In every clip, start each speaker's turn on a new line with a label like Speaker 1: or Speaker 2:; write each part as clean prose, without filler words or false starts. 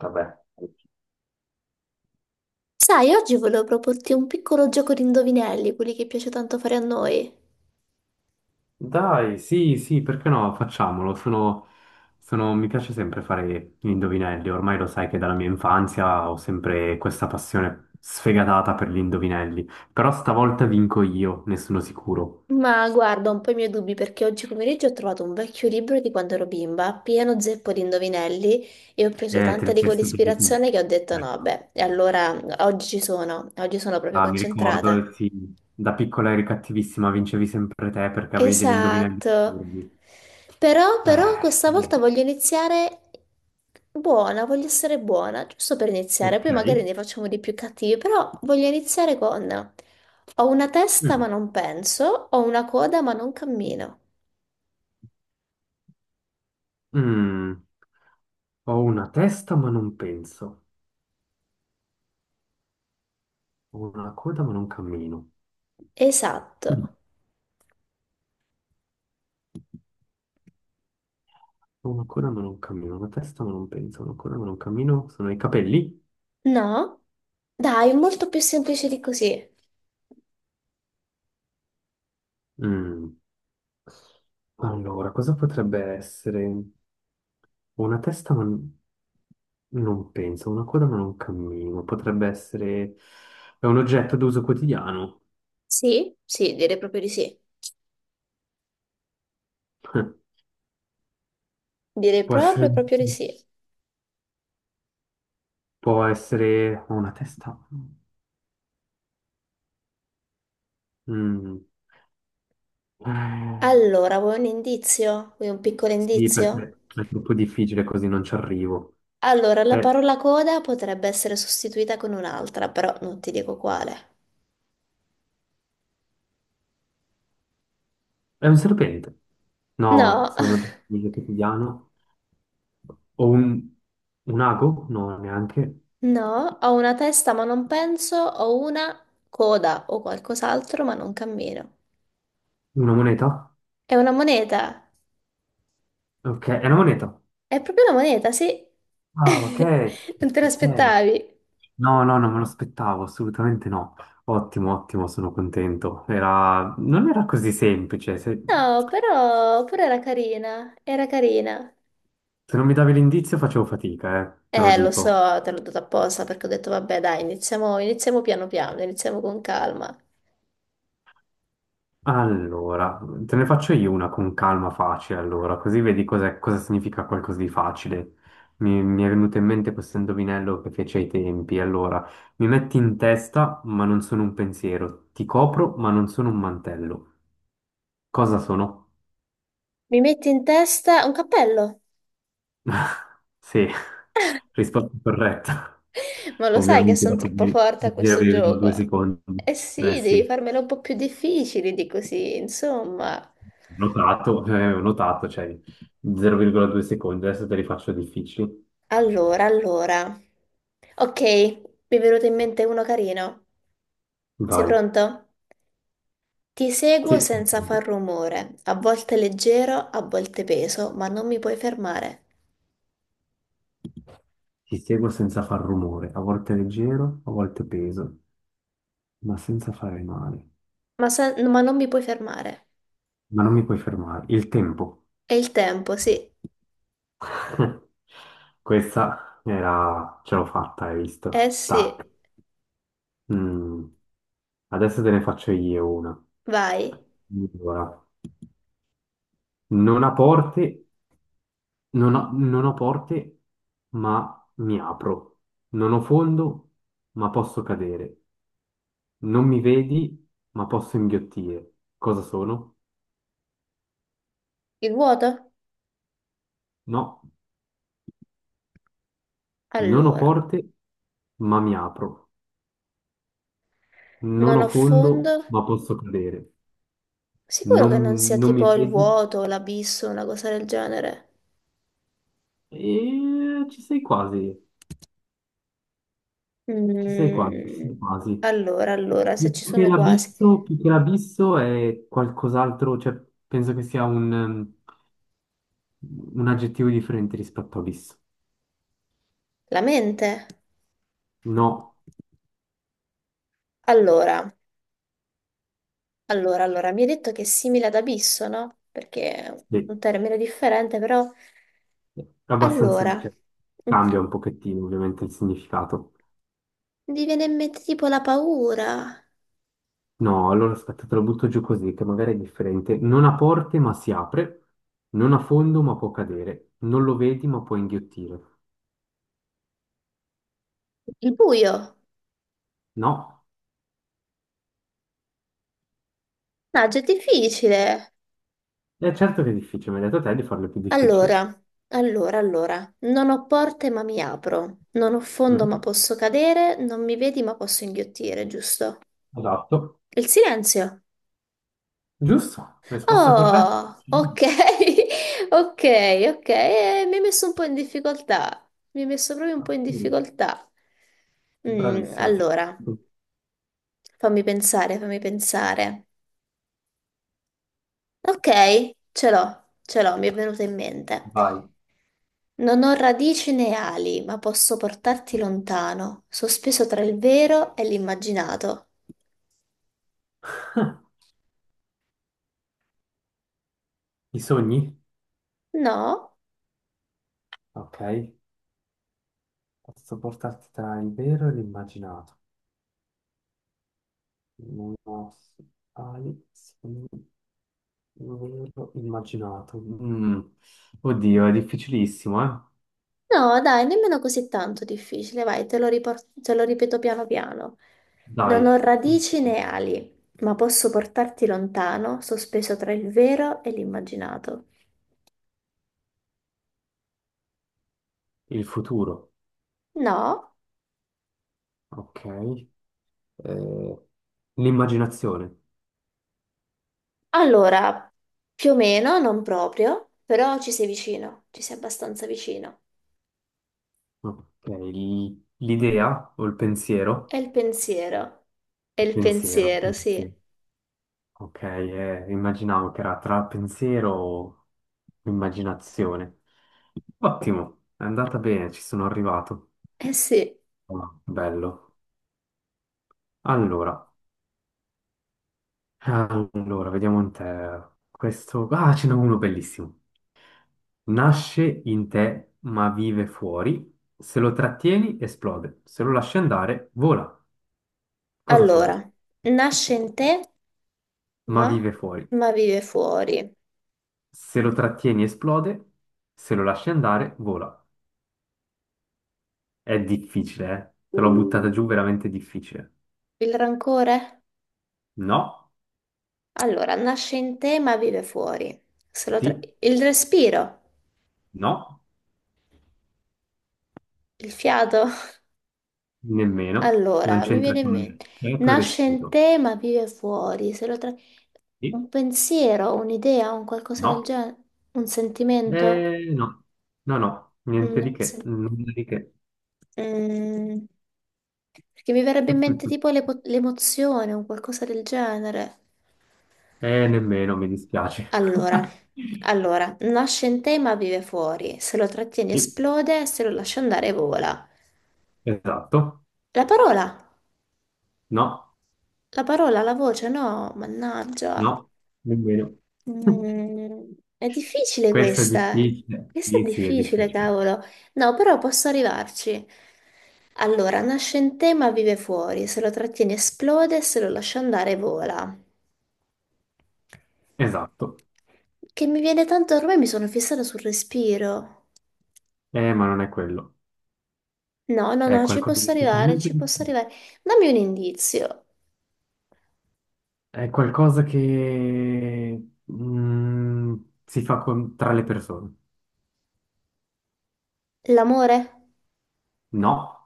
Speaker 1: Vabbè.
Speaker 2: Sai, oggi volevo proporti un piccolo gioco di indovinelli, quelli che piace tanto fare a noi.
Speaker 1: Dai, sì, sì, perché no? Facciamolo. Mi piace sempre fare gli indovinelli. Ormai lo sai che dalla mia infanzia ho sempre questa passione sfegatata per gli indovinelli. Però stavolta vinco io, ne sono sicuro.
Speaker 2: Ma guarda, ho un po' i miei dubbi perché oggi pomeriggio ho trovato un vecchio libro di quando ero bimba, pieno zeppo di indovinelli, e ho preso
Speaker 1: Te
Speaker 2: tanta
Speaker 1: le
Speaker 2: di
Speaker 1: sei studiate tu.
Speaker 2: quell'ispirazione che ho detto no,
Speaker 1: Ecco.
Speaker 2: beh, e allora oggi ci sono, oggi sono proprio
Speaker 1: Ah, mi ricordo,
Speaker 2: concentrata.
Speaker 1: sì, da piccola eri cattivissima, vincevi sempre te perché avevi degli indovinelli
Speaker 2: Esatto.
Speaker 1: assurdi.
Speaker 2: Però
Speaker 1: Eh,
Speaker 2: questa volta voglio iniziare buona, voglio essere buona, giusto per iniziare,
Speaker 1: ok.
Speaker 2: poi magari ne facciamo di più cattivi, però voglio iniziare con ho una testa ma
Speaker 1: Mm.
Speaker 2: non penso, ho una coda ma non cammino.
Speaker 1: Mm. Ho una testa ma non penso. Ho una coda ma non cammino.
Speaker 2: Esatto.
Speaker 1: Mm. Ho una coda ma non cammino, una testa ma non penso, una coda ma non cammino. Sono i capelli?
Speaker 2: No? Dai, molto più semplice di così.
Speaker 1: Mm. Allora, cosa potrebbe essere? Ho una testa ma n- Non penso, ho una coda ma non cammino. Potrebbe essere... È un oggetto d'uso quotidiano.
Speaker 2: Sì? Sì, direi proprio di sì. Direi
Speaker 1: Può essere...
Speaker 2: proprio di sì.
Speaker 1: Può essere... Ho una testa... Mm. Eh,
Speaker 2: Allora, vuoi un indizio? Vuoi un piccolo
Speaker 1: sì,
Speaker 2: indizio?
Speaker 1: perché è troppo difficile così, non ci arrivo.
Speaker 2: Allora, la
Speaker 1: È,
Speaker 2: parola coda potrebbe essere sostituita con un'altra, però non ti dico quale.
Speaker 1: è un serpente. No,
Speaker 2: No,
Speaker 1: se è un oggetto di uso quotidiano. O un, un ago? No, neanche.
Speaker 2: no, ho una testa ma non penso, ho una coda o qualcos'altro ma non cammino.
Speaker 1: Una moneta?
Speaker 2: È una moneta,
Speaker 1: Ok, è una moneta.
Speaker 2: è proprio una moneta, sì.
Speaker 1: Ah, ok.
Speaker 2: Non te
Speaker 1: Ok.
Speaker 2: l'aspettavi?
Speaker 1: No, no, non me lo aspettavo, assolutamente no. Ottimo, ottimo, sono contento. Era... Non era così semplice.
Speaker 2: No, però era carina, era carina.
Speaker 1: Se non mi davi l'indizio facevo fatica, te lo
Speaker 2: Lo
Speaker 1: dico.
Speaker 2: so, te l'ho dato apposta perché ho detto, vabbè, dai, iniziamo, iniziamo piano piano, iniziamo con calma.
Speaker 1: Allora, te ne faccio io una con calma facile, allora, così vedi cosa significa qualcosa di facile. Mi è venuto in mente questo indovinello che fece ai tempi. Allora, mi metti in testa, ma non sono un pensiero. Ti copro, ma non sono un mantello. Cosa sono?
Speaker 2: Mi metti in testa un cappello?
Speaker 1: Sì, risposta corretta.
Speaker 2: Ma lo sai che
Speaker 1: Ovviamente
Speaker 2: sono
Speaker 1: dopo
Speaker 2: troppo
Speaker 1: mi
Speaker 2: forte a
Speaker 1: mi
Speaker 2: questo
Speaker 1: avevi due
Speaker 2: gioco?
Speaker 1: secondi.
Speaker 2: Eh
Speaker 1: Eh
Speaker 2: sì, devi
Speaker 1: sì,
Speaker 2: farmelo un po' più difficile di così, insomma.
Speaker 1: notato, ho notato, cioè 0,2 secondi. Adesso te li faccio difficili.
Speaker 2: Allora, allora. Ok, mi è venuto in mente uno carino. Sei
Speaker 1: Vai.
Speaker 2: pronto? Ti seguo
Speaker 1: Sì,
Speaker 2: senza
Speaker 1: sì,
Speaker 2: far rumore, a volte leggero, a volte peso, ma non mi puoi fermare.
Speaker 1: ti seguo senza far rumore, a volte leggero, a volte peso, ma senza fare male.
Speaker 2: Ma, ma non mi puoi fermare.
Speaker 1: Ma non mi puoi fermare. Il tempo.
Speaker 2: È il tempo, sì.
Speaker 1: Questa era... ce l'ho fatta, hai
Speaker 2: Eh
Speaker 1: visto? Tac.
Speaker 2: sì,
Speaker 1: Mm. Adesso te ne faccio io una.
Speaker 2: vai.
Speaker 1: Allora, non ha porte, non ho porte, ma mi apro. Non ho fondo, ma posso cadere. Non mi vedi, ma posso inghiottire. Cosa sono?
Speaker 2: Il vuoto?
Speaker 1: No, non ho
Speaker 2: Allora,
Speaker 1: porte, ma mi apro. Non
Speaker 2: non
Speaker 1: ho
Speaker 2: ho
Speaker 1: fondo,
Speaker 2: fondo.
Speaker 1: ma posso cadere.
Speaker 2: Sicuro che non sia
Speaker 1: Non mi
Speaker 2: tipo il
Speaker 1: vedi?
Speaker 2: vuoto, l'abisso, una cosa del genere?
Speaker 1: E ci sei quasi, ci sei quasi, ci
Speaker 2: Mm,
Speaker 1: sei quasi.
Speaker 2: allora, se ci sono quasi.
Speaker 1: Più che l'abisso è qualcos'altro, cioè penso che sia un aggettivo differente rispetto a abisso.
Speaker 2: La mente?
Speaker 1: No,
Speaker 2: Allora, allora, mi hai detto che è simile ad abisso, no? Perché è
Speaker 1: beh,
Speaker 2: un termine differente, però...
Speaker 1: abbastanza,
Speaker 2: Allora,
Speaker 1: cioè,
Speaker 2: mm,
Speaker 1: cambia un pochettino ovviamente il significato.
Speaker 2: mi viene in mente tipo la paura,
Speaker 1: No, allora aspetta, te lo butto giù così, che magari è differente. Non ha porte ma si apre, non ha fondo ma può cadere, non lo vedi ma può inghiottire.
Speaker 2: il buio.
Speaker 1: No,
Speaker 2: No, è difficile.
Speaker 1: è certo che è difficile, mi hai detto te di farle più difficili.
Speaker 2: Allora, allora, non ho porte ma mi apro, non ho fondo
Speaker 1: Giusto.
Speaker 2: ma posso cadere, non mi vedi ma posso inghiottire, giusto?
Speaker 1: Esatto,
Speaker 2: Il silenzio.
Speaker 1: giusto, risposta corretta.
Speaker 2: Oh, ok, ok, ok, mi hai messo un po' in difficoltà, mi hai messo proprio un po' in
Speaker 1: Mm.
Speaker 2: difficoltà. Mm,
Speaker 1: Bravissima.
Speaker 2: allora, fammi pensare. Ok, ce l'ho, mi è venuta in mente.
Speaker 1: Vai.
Speaker 2: Non ho radici né ali, ma posso portarti lontano, sospeso tra il vero e l'immaginato.
Speaker 1: I sogni?
Speaker 2: No,
Speaker 1: Ok, posso portarti tra il vero e l'immaginato. Non ho- Hai sogni. Non me l'ho immaginato. Mm. Oddio, è difficilissimo, eh?
Speaker 2: no, dai, nemmeno così tanto difficile, vai, te lo ripeto piano piano. Non ho
Speaker 1: Dai, mm,
Speaker 2: radici né ali, ma posso portarti lontano, sospeso tra il vero e l'immaginato.
Speaker 1: il futuro,
Speaker 2: No,
Speaker 1: ok. Eh, l'immaginazione,
Speaker 2: allora, più o meno, non proprio, però ci sei vicino, ci sei abbastanza vicino.
Speaker 1: ok. L'idea o il
Speaker 2: È
Speaker 1: pensiero?
Speaker 2: il pensiero, è
Speaker 1: Il
Speaker 2: il
Speaker 1: pensiero,
Speaker 2: pensiero,
Speaker 1: il
Speaker 2: sì.
Speaker 1: pensiero. Ok, immaginavo che era tra pensiero o immaginazione. Ottimo, è andata bene, ci sono arrivato.
Speaker 2: Eh sì.
Speaker 1: Ah, bello. Allora. Allora, vediamo in te. Questo... Ah, ce n'è uno bellissimo. Nasce in te, ma vive fuori. Se lo trattieni, esplode. Se lo lasci andare, vola. Cosa sono?
Speaker 2: Allora, nasce in te,
Speaker 1: Ma
Speaker 2: ma,
Speaker 1: vive fuori.
Speaker 2: ma vive fuori.
Speaker 1: Se lo trattieni, esplode. Se lo lasci andare, vola. È difficile, eh? Te l'ho buttata giù, veramente difficile.
Speaker 2: Il rancore?
Speaker 1: No,
Speaker 2: Allora, nasce in te, ma vive fuori. Se lo tra-
Speaker 1: sì,
Speaker 2: Il respiro,
Speaker 1: no,
Speaker 2: il fiato.
Speaker 1: nemmeno. Non
Speaker 2: Allora, mi
Speaker 1: c'entra
Speaker 2: viene in
Speaker 1: con
Speaker 2: mente,
Speaker 1: il tuo
Speaker 2: nasce in
Speaker 1: respiro.
Speaker 2: te ma vive fuori, se lo tra-
Speaker 1: Sì,
Speaker 2: un pensiero, un'idea, un qualcosa del
Speaker 1: no.
Speaker 2: genere, un sentimento?
Speaker 1: No, no, no,
Speaker 2: Mm,
Speaker 1: niente di
Speaker 2: non
Speaker 1: che,
Speaker 2: sen-
Speaker 1: nulla di che.
Speaker 2: mm, perché mi verrebbe in mente tipo l'emozione, un qualcosa del genere.
Speaker 1: Nemmeno, mi dispiace.
Speaker 2: Allora, allora, nasce in te ma vive fuori, se lo trattieni
Speaker 1: Sì,
Speaker 2: esplode, se lo lasci andare vola.
Speaker 1: esatto,
Speaker 2: La parola,
Speaker 1: no,
Speaker 2: la parola, la voce, no, mannaggia.
Speaker 1: no, nemmeno.
Speaker 2: Mm, è difficile
Speaker 1: Questo è
Speaker 2: questa.
Speaker 1: difficile.
Speaker 2: Questa è
Speaker 1: Sì, sì, è
Speaker 2: difficile,
Speaker 1: difficile.
Speaker 2: cavolo. No, però posso arrivarci. Allora, nasce in te ma vive fuori. Se lo trattiene esplode, se lo lascia andare vola.
Speaker 1: Esatto,
Speaker 2: Che mi viene tanto, ormai mi sono fissata sul respiro.
Speaker 1: ma non è quello. È
Speaker 2: No, ci
Speaker 1: qualcosa
Speaker 2: posso
Speaker 1: di
Speaker 2: arrivare,
Speaker 1: totalmente
Speaker 2: ci posso
Speaker 1: differente.
Speaker 2: arrivare. Dammi un indizio.
Speaker 1: È qualcosa che mm, tra le persone.
Speaker 2: L'amore
Speaker 1: No,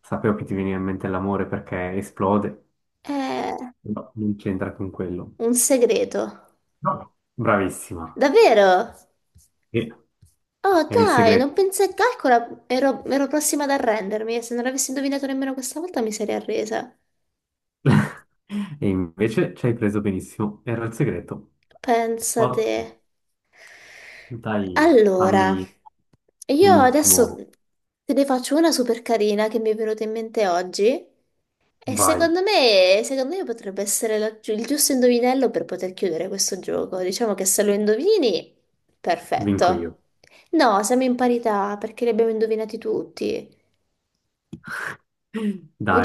Speaker 1: sapevo che ti veniva in mente l'amore perché esplode,
Speaker 2: è
Speaker 1: no, non c'entra con quello.
Speaker 2: un segreto.
Speaker 1: No. Bravissima.
Speaker 2: Davvero?
Speaker 1: E
Speaker 2: Oh
Speaker 1: era il
Speaker 2: dai, non
Speaker 1: segreto.
Speaker 2: pensavo, calcola, ero prossima ad arrendermi e se non avessi indovinato nemmeno questa volta mi sarei arresa.
Speaker 1: E invece ci hai preso benissimo. Era il segreto.
Speaker 2: Pensate.
Speaker 1: Ottimo. Dai,
Speaker 2: Allora,
Speaker 1: fammi
Speaker 2: io
Speaker 1: un
Speaker 2: adesso
Speaker 1: ultimo.
Speaker 2: te ne faccio una super carina che mi è venuta in mente oggi e
Speaker 1: Vai,
Speaker 2: secondo me potrebbe essere il giusto indovinello per poter chiudere questo gioco. Diciamo che se lo indovini,
Speaker 1: vinco
Speaker 2: perfetto.
Speaker 1: io.
Speaker 2: No, siamo in parità perché li abbiamo indovinati tutti.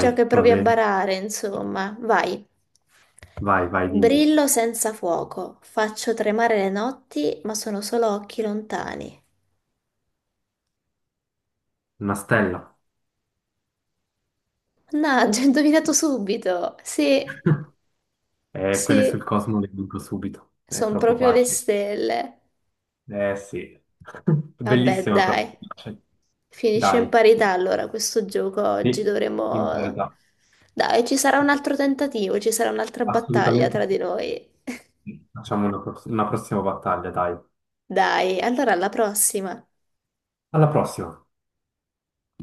Speaker 2: Già che
Speaker 1: va
Speaker 2: provi a
Speaker 1: bene.
Speaker 2: barare, insomma, vai.
Speaker 1: Vai, vai, dimmi.
Speaker 2: Brillo senza fuoco, faccio tremare le notti, ma sono solo occhi lontani.
Speaker 1: Una stella.
Speaker 2: Mannaggia, ho indovinato subito. Sì,
Speaker 1: Quelle
Speaker 2: sì,
Speaker 1: sul Cosmo le vinco subito. È
Speaker 2: sono
Speaker 1: troppo
Speaker 2: proprio le
Speaker 1: facile.
Speaker 2: stelle.
Speaker 1: Eh sì.
Speaker 2: Vabbè,
Speaker 1: Bellissima però.
Speaker 2: dai.
Speaker 1: Cioè,
Speaker 2: Finisce in
Speaker 1: dai,
Speaker 2: parità allora questo gioco oggi,
Speaker 1: sì, in
Speaker 2: dovremo...
Speaker 1: parità.
Speaker 2: Dai, ci sarà un altro tentativo, ci sarà un'altra battaglia
Speaker 1: Assolutamente,
Speaker 2: tra
Speaker 1: sì.
Speaker 2: di noi.
Speaker 1: Facciamo una prossima battaglia, dai.
Speaker 2: Dai, allora alla prossima.
Speaker 1: Alla prossima.